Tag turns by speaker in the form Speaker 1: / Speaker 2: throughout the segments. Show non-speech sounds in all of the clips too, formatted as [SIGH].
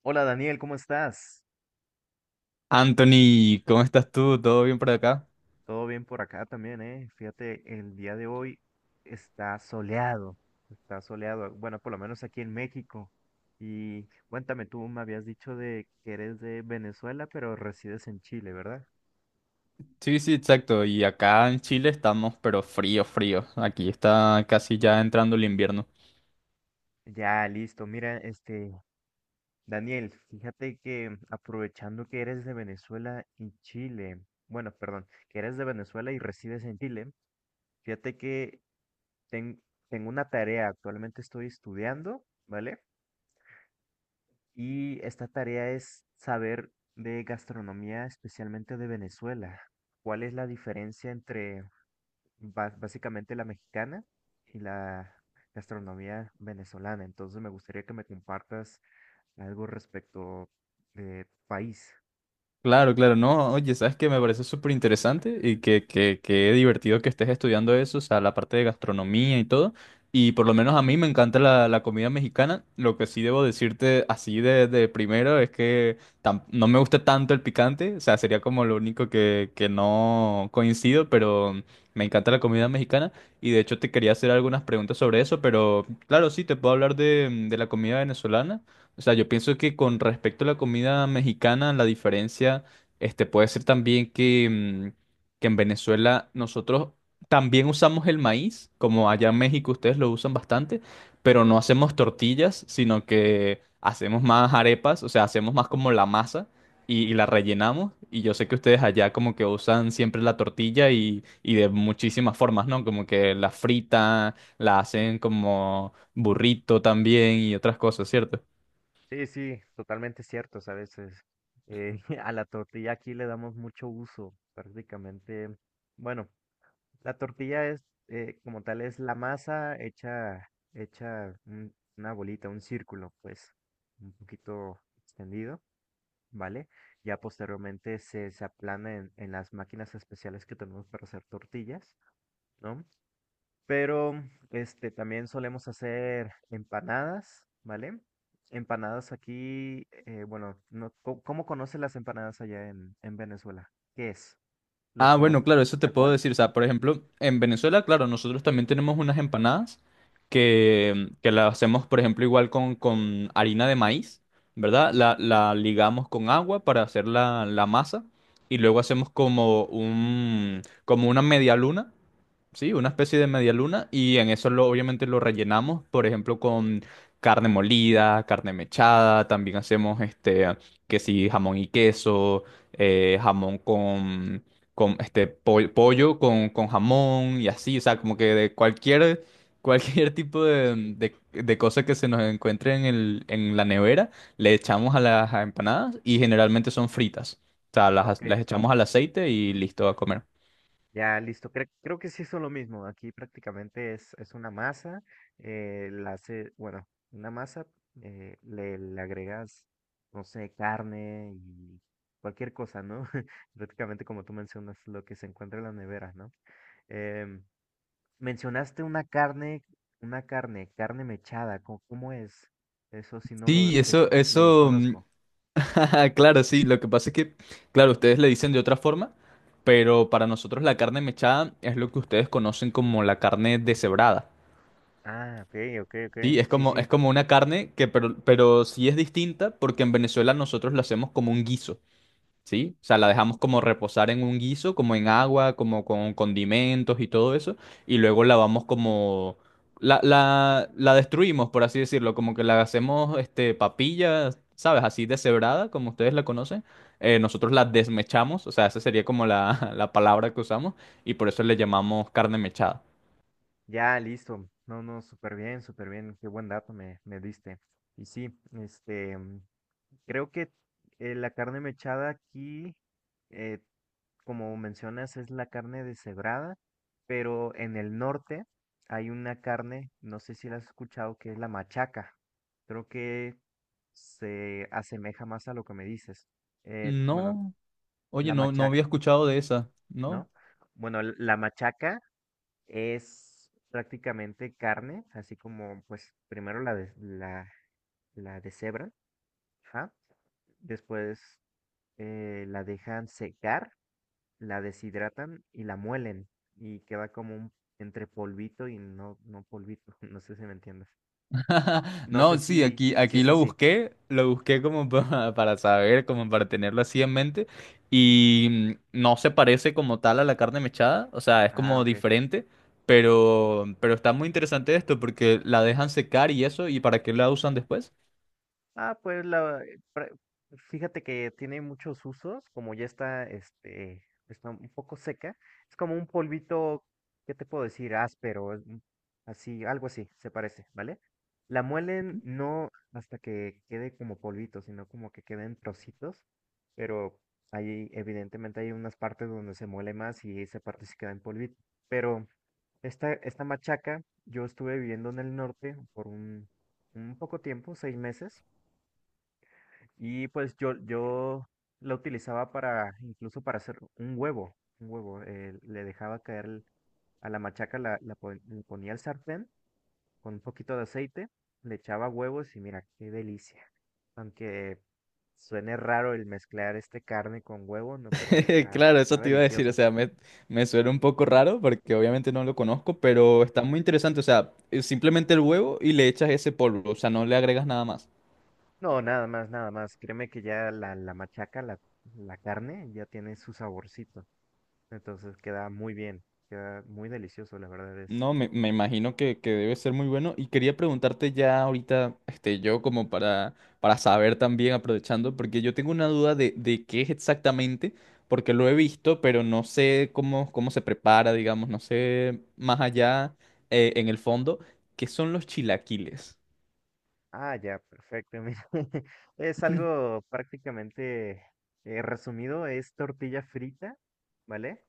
Speaker 1: Hola Daniel, ¿cómo estás?
Speaker 2: Anthony, ¿cómo estás tú? ¿Todo bien por acá?
Speaker 1: Todo bien por acá también, ¿eh? Fíjate, el día de hoy está soleado, está soleado, bueno, por lo menos aquí en México. Y cuéntame, tú me habías dicho de que eres de Venezuela, pero resides en Chile, ¿verdad?
Speaker 2: Sí, sí, exacto. Y acá en Chile estamos, pero frío, frío. Aquí está casi ya entrando el invierno.
Speaker 1: Ya, listo. Mira, Daniel, fíjate que aprovechando que eres de Venezuela y Chile, bueno, perdón, que eres de Venezuela y resides en Chile, fíjate que ten- tengo una tarea, actualmente estoy estudiando, ¿vale? Y esta tarea es saber de gastronomía, especialmente de Venezuela. ¿Cuál es la diferencia entre básicamente la mexicana y la gastronomía venezolana? Entonces me gustaría que me compartas algo respecto de tu país.
Speaker 2: Claro, claro, no, oye, sabes que me parece súper interesante y que divertido que estés estudiando eso, o sea, la parte de gastronomía y todo. Y por lo menos a mí me encanta la comida mexicana. Lo que sí debo decirte así de primero es que no me gusta tanto el picante, o sea, sería como lo único que no coincido, pero me encanta la comida mexicana. Y de hecho te quería hacer algunas preguntas sobre eso, pero claro, sí, te puedo hablar de la comida venezolana. O sea, yo pienso que con respecto a la comida mexicana, la diferencia, este, puede ser también que, mm, que en Venezuela nosotros también usamos el maíz, como allá en México ustedes lo usan bastante, pero no hacemos tortillas, sino que hacemos más arepas, o sea, hacemos más como la masa y la rellenamos. Y yo sé que ustedes allá como que usan siempre la tortilla y de muchísimas formas, ¿no? Como que la fritan, la hacen como burrito también y otras cosas, ¿cierto?
Speaker 1: Sí, sí, totalmente cierto, ¿sabes? Eh, [LAUGHS] a la tortilla aquí le damos mucho uso, prácticamente. Bueno, la tortilla es, como tal, es la masa hecha una bolita, un círculo, pues, un poquito extendido, ¿vale? Ya posteriormente se aplana en las máquinas especiales que tenemos para hacer tortillas, ¿no? Pero, también solemos hacer empanadas, ¿vale? Empanadas aquí, bueno, no, ¿cómo conocen las empanadas allá en Venezuela? ¿Qué es? ¿Los
Speaker 2: Ah, bueno,
Speaker 1: conocen
Speaker 2: claro, eso te
Speaker 1: tal
Speaker 2: puedo
Speaker 1: cual?
Speaker 2: decir. O sea, por ejemplo, en Venezuela, claro, nosotros también tenemos unas empanadas que las hacemos, por ejemplo, igual con harina de maíz, ¿verdad? La ligamos con agua para hacer la masa y luego hacemos como un, como una media luna. Sí, una especie de media luna y en eso lo, obviamente lo rellenamos, por ejemplo, con carne molida, carne mechada, también hacemos este, que sí, jamón y queso, jamón con este, pollo con jamón y así, o sea, como que de cualquier, [LAUGHS] cualquier tipo de,
Speaker 1: Sí.
Speaker 2: de, de cosa que se nos encuentre en el, en la nevera, le echamos a las empanadas y generalmente son fritas, o sea,
Speaker 1: Ah, ok.
Speaker 2: las echamos al
Speaker 1: Sí.
Speaker 2: aceite y listo a comer.
Speaker 1: Ya, listo. Creo que sí son lo mismo. Aquí prácticamente es una masa. La hace, bueno, una masa, le agregas, no sé, carne y cualquier cosa, ¿no? [LAUGHS] Prácticamente como tú mencionas, lo que se encuentra en la nevera, ¿no? Em, mencionaste una carne, carne mechada. ¿Cómo es? Eso sí no lo,
Speaker 2: Sí,
Speaker 1: eso lo desconozco.
Speaker 2: [LAUGHS] claro, sí, lo que pasa es que, claro, ustedes le dicen de otra forma, pero para nosotros la carne mechada es lo que ustedes conocen como la carne deshebrada.
Speaker 1: Ah, ok, ok, ok.
Speaker 2: Sí,
Speaker 1: Sí,
Speaker 2: es
Speaker 1: sí.
Speaker 2: como una carne que, pero sí es distinta porque en Venezuela nosotros la hacemos como un guiso. ¿Sí? O sea, la dejamos como reposar en un guiso, como en agua, como con condimentos y todo eso, y luego la vamos como... La destruimos, por así decirlo, como que la hacemos este, papilla, ¿sabes? Así deshebrada, como ustedes la conocen. Nosotros la desmechamos, o sea, esa sería como la, [LAUGHS] la palabra que usamos, y por eso le llamamos carne mechada.
Speaker 1: Ya, listo. No, no, súper bien, súper bien. Qué buen dato me diste. Y sí, creo que la carne mechada aquí, eh, como mencionas, es la carne deshebrada, pero en el norte hay una carne, no sé si la has escuchado, que es la machaca. Creo que se asemeja más a lo que me dices. Bueno,
Speaker 2: No, oye,
Speaker 1: la
Speaker 2: no, no
Speaker 1: machaca,
Speaker 2: había escuchado de esa, ¿no?
Speaker 1: ¿no? Bueno, la machaca es prácticamente carne, así como pues primero la deshebran, ajá, después la dejan secar, la deshidratan y la muelen y queda entre polvito y no, no polvito, [LAUGHS] no sé si me entiendes.
Speaker 2: [LAUGHS]
Speaker 1: No sé
Speaker 2: No, sí,
Speaker 1: si,
Speaker 2: aquí,
Speaker 1: si
Speaker 2: aquí
Speaker 1: es así.
Speaker 2: lo busqué como [LAUGHS] para saber, como para tenerlo así en mente. Y no se parece como tal a la carne mechada, o sea, es
Speaker 1: Ah,
Speaker 2: como
Speaker 1: ok.
Speaker 2: diferente, pero está muy interesante esto porque la dejan secar y eso, ¿y para qué la usan después?
Speaker 1: Ah, pues fíjate que tiene muchos usos, como ya está un poco seca, es como un polvito, ¿qué te puedo decir? Áspero, así, algo así, se parece, ¿vale? La muelen no hasta que quede como polvito, sino como que quede en trocitos, pero ahí evidentemente hay unas partes donde se muele más y esa parte se queda en polvito. Pero esta machaca, yo estuve viviendo en el norte por un poco tiempo, 6 meses. Y pues yo la utilizaba para, incluso para hacer un huevo. Le dejaba caer a la machaca, le ponía el sartén con un poquito de aceite, le echaba huevos y mira, qué delicia. Aunque suene raro el mezclar este carne con huevo, no, pero
Speaker 2: [LAUGHS]
Speaker 1: está,
Speaker 2: Claro,
Speaker 1: está
Speaker 2: eso te iba a decir, o
Speaker 1: delicioso.
Speaker 2: sea, me suena un poco raro porque obviamente no lo conozco, pero está muy interesante, o sea, es simplemente el huevo y le echas ese polvo, o sea, no le agregas nada más.
Speaker 1: No, nada más, nada más. Créeme que ya la machaca, la carne, ya tiene su saborcito. Entonces queda muy bien, queda muy delicioso, la verdad es.
Speaker 2: No, me imagino que debe ser muy bueno. Y quería preguntarte ya ahorita, este, yo como para saber también, aprovechando, porque yo tengo una duda de qué es exactamente, porque lo he visto, pero no sé cómo, cómo se prepara, digamos, no sé más allá en el fondo, qué son los chilaquiles.
Speaker 1: Ah, ya, perfecto. Mira, [LAUGHS] es
Speaker 2: [LAUGHS]
Speaker 1: algo prácticamente resumido, es tortilla frita, ¿vale?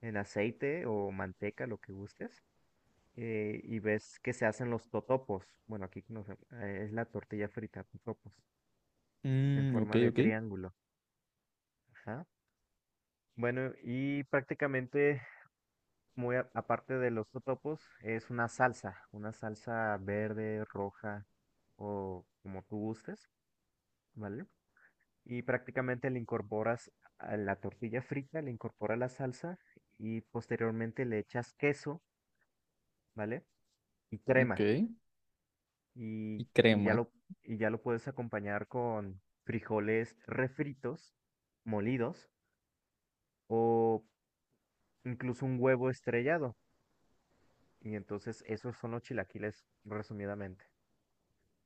Speaker 1: En aceite o manteca, lo que gustes. Y ves que se hacen los totopos. Bueno, aquí es la tortilla frita, totopos, en
Speaker 2: Mm, ok,
Speaker 1: forma de triángulo. Ajá. Bueno, y prácticamente, muy aparte de los totopos, es una salsa verde, roja o como tú gustes, ¿vale? Y prácticamente le incorporas a la tortilla frita, le incorporas la salsa y posteriormente le echas queso, ¿vale? Y
Speaker 2: ok.
Speaker 1: crema
Speaker 2: Y
Speaker 1: y, y ya
Speaker 2: crema.
Speaker 1: lo, y ya lo puedes acompañar con frijoles refritos, molidos o incluso un huevo estrellado. Y entonces esos son los chilaquiles resumidamente.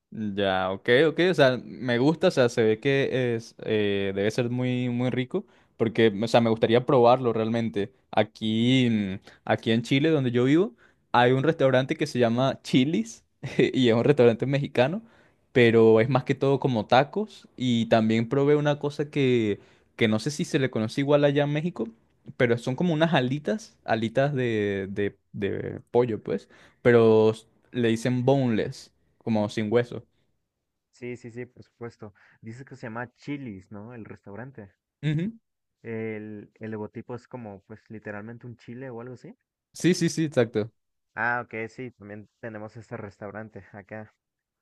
Speaker 2: Ya, ok, ok, o sea, me gusta, o sea, se ve que es, debe ser muy, muy rico, porque, o sea, me gustaría probarlo realmente. Aquí, aquí en Chile, donde yo vivo, hay un restaurante que se llama Chili's, [LAUGHS] y es un restaurante mexicano, pero es más que todo como tacos, y también probé una cosa que no sé si se le conoce igual allá en México, pero son como unas alitas, alitas de pollo, pues, pero le dicen boneless, como sin hueso.
Speaker 1: Sí, sí, sí, por supuesto. Dices que se llama Chili's, ¿no? El restaurante.
Speaker 2: Ujú.
Speaker 1: El logotipo es como, pues, literalmente un chile o algo así.
Speaker 2: Sí, sí, sí, exacto.
Speaker 1: Ah, ok, sí, también tenemos este restaurante acá.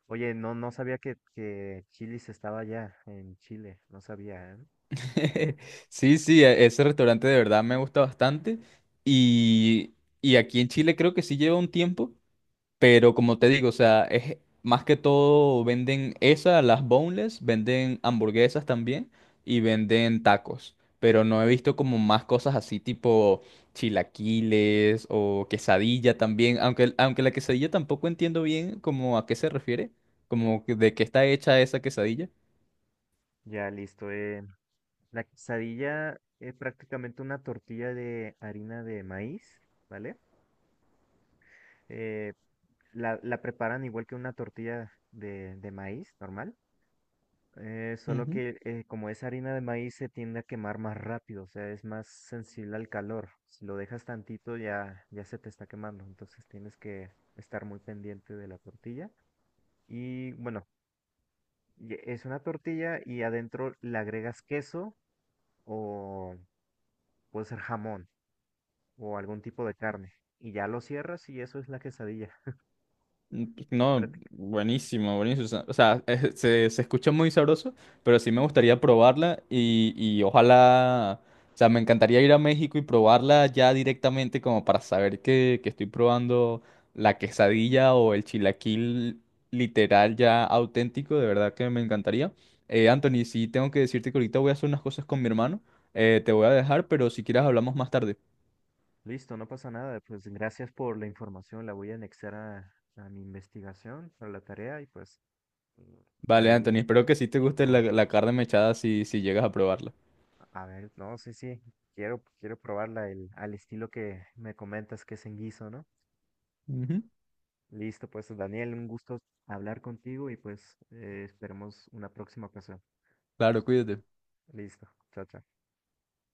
Speaker 1: Oye, no, no sabía que Chili's estaba allá en Chile, no sabía, ¿eh?
Speaker 2: [LAUGHS] Sí, sí, ese restaurante de verdad me gusta bastante. Y, y aquí en Chile creo que sí lleva un tiempo, pero como te digo, o sea, es más que todo venden esa, las boneless, venden hamburguesas también y venden tacos. Pero no he visto como más cosas así tipo chilaquiles o quesadilla también, aunque, aunque la quesadilla tampoco entiendo bien como a qué se refiere, como de qué está hecha esa quesadilla.
Speaker 1: Ya, listo. La quesadilla es prácticamente una tortilla de harina de maíz, ¿vale? Eh, la preparan igual que una tortilla de maíz normal. Solo
Speaker 2: Ujú.
Speaker 1: que como es harina de maíz se tiende a quemar más rápido, o sea, es más sensible al calor. Si lo dejas tantito ya se te está quemando, entonces tienes que estar muy pendiente de la tortilla. Y bueno, y es una tortilla y adentro le agregas queso o puede ser jamón o algún tipo de carne. Y ya lo cierras y eso es la quesadilla.
Speaker 2: Mm, pues, no,
Speaker 1: práctica-
Speaker 2: buenísimo, buenísimo. O sea, se, se escucha muy sabroso, pero sí me gustaría probarla y ojalá, o sea, me encantaría ir a México y probarla ya directamente como para saber que estoy probando la quesadilla o el chilaquil literal ya auténtico, de verdad que me encantaría. Anthony, sí tengo que decirte que ahorita voy a hacer unas cosas con mi hermano, te voy a dejar, pero si quieres hablamos más tarde.
Speaker 1: Listo, no pasa nada. Pues gracias por la información, la voy a anexar a mi investigación, a la tarea y pues. Mm.
Speaker 2: Vale, Anthony,
Speaker 1: Ahí
Speaker 2: espero que sí te guste la,
Speaker 1: lo,
Speaker 2: la carne mechada si, si llegas a probarla.
Speaker 1: a ver, no, sí, sí, quiero probarla al estilo que me comentas que es en guiso, ¿no?
Speaker 2: Ujú.
Speaker 1: Listo, pues Daniel, un gusto hablar contigo y pues esperemos una próxima ocasión.
Speaker 2: Claro, cuídate.
Speaker 1: Listo, chao, chao.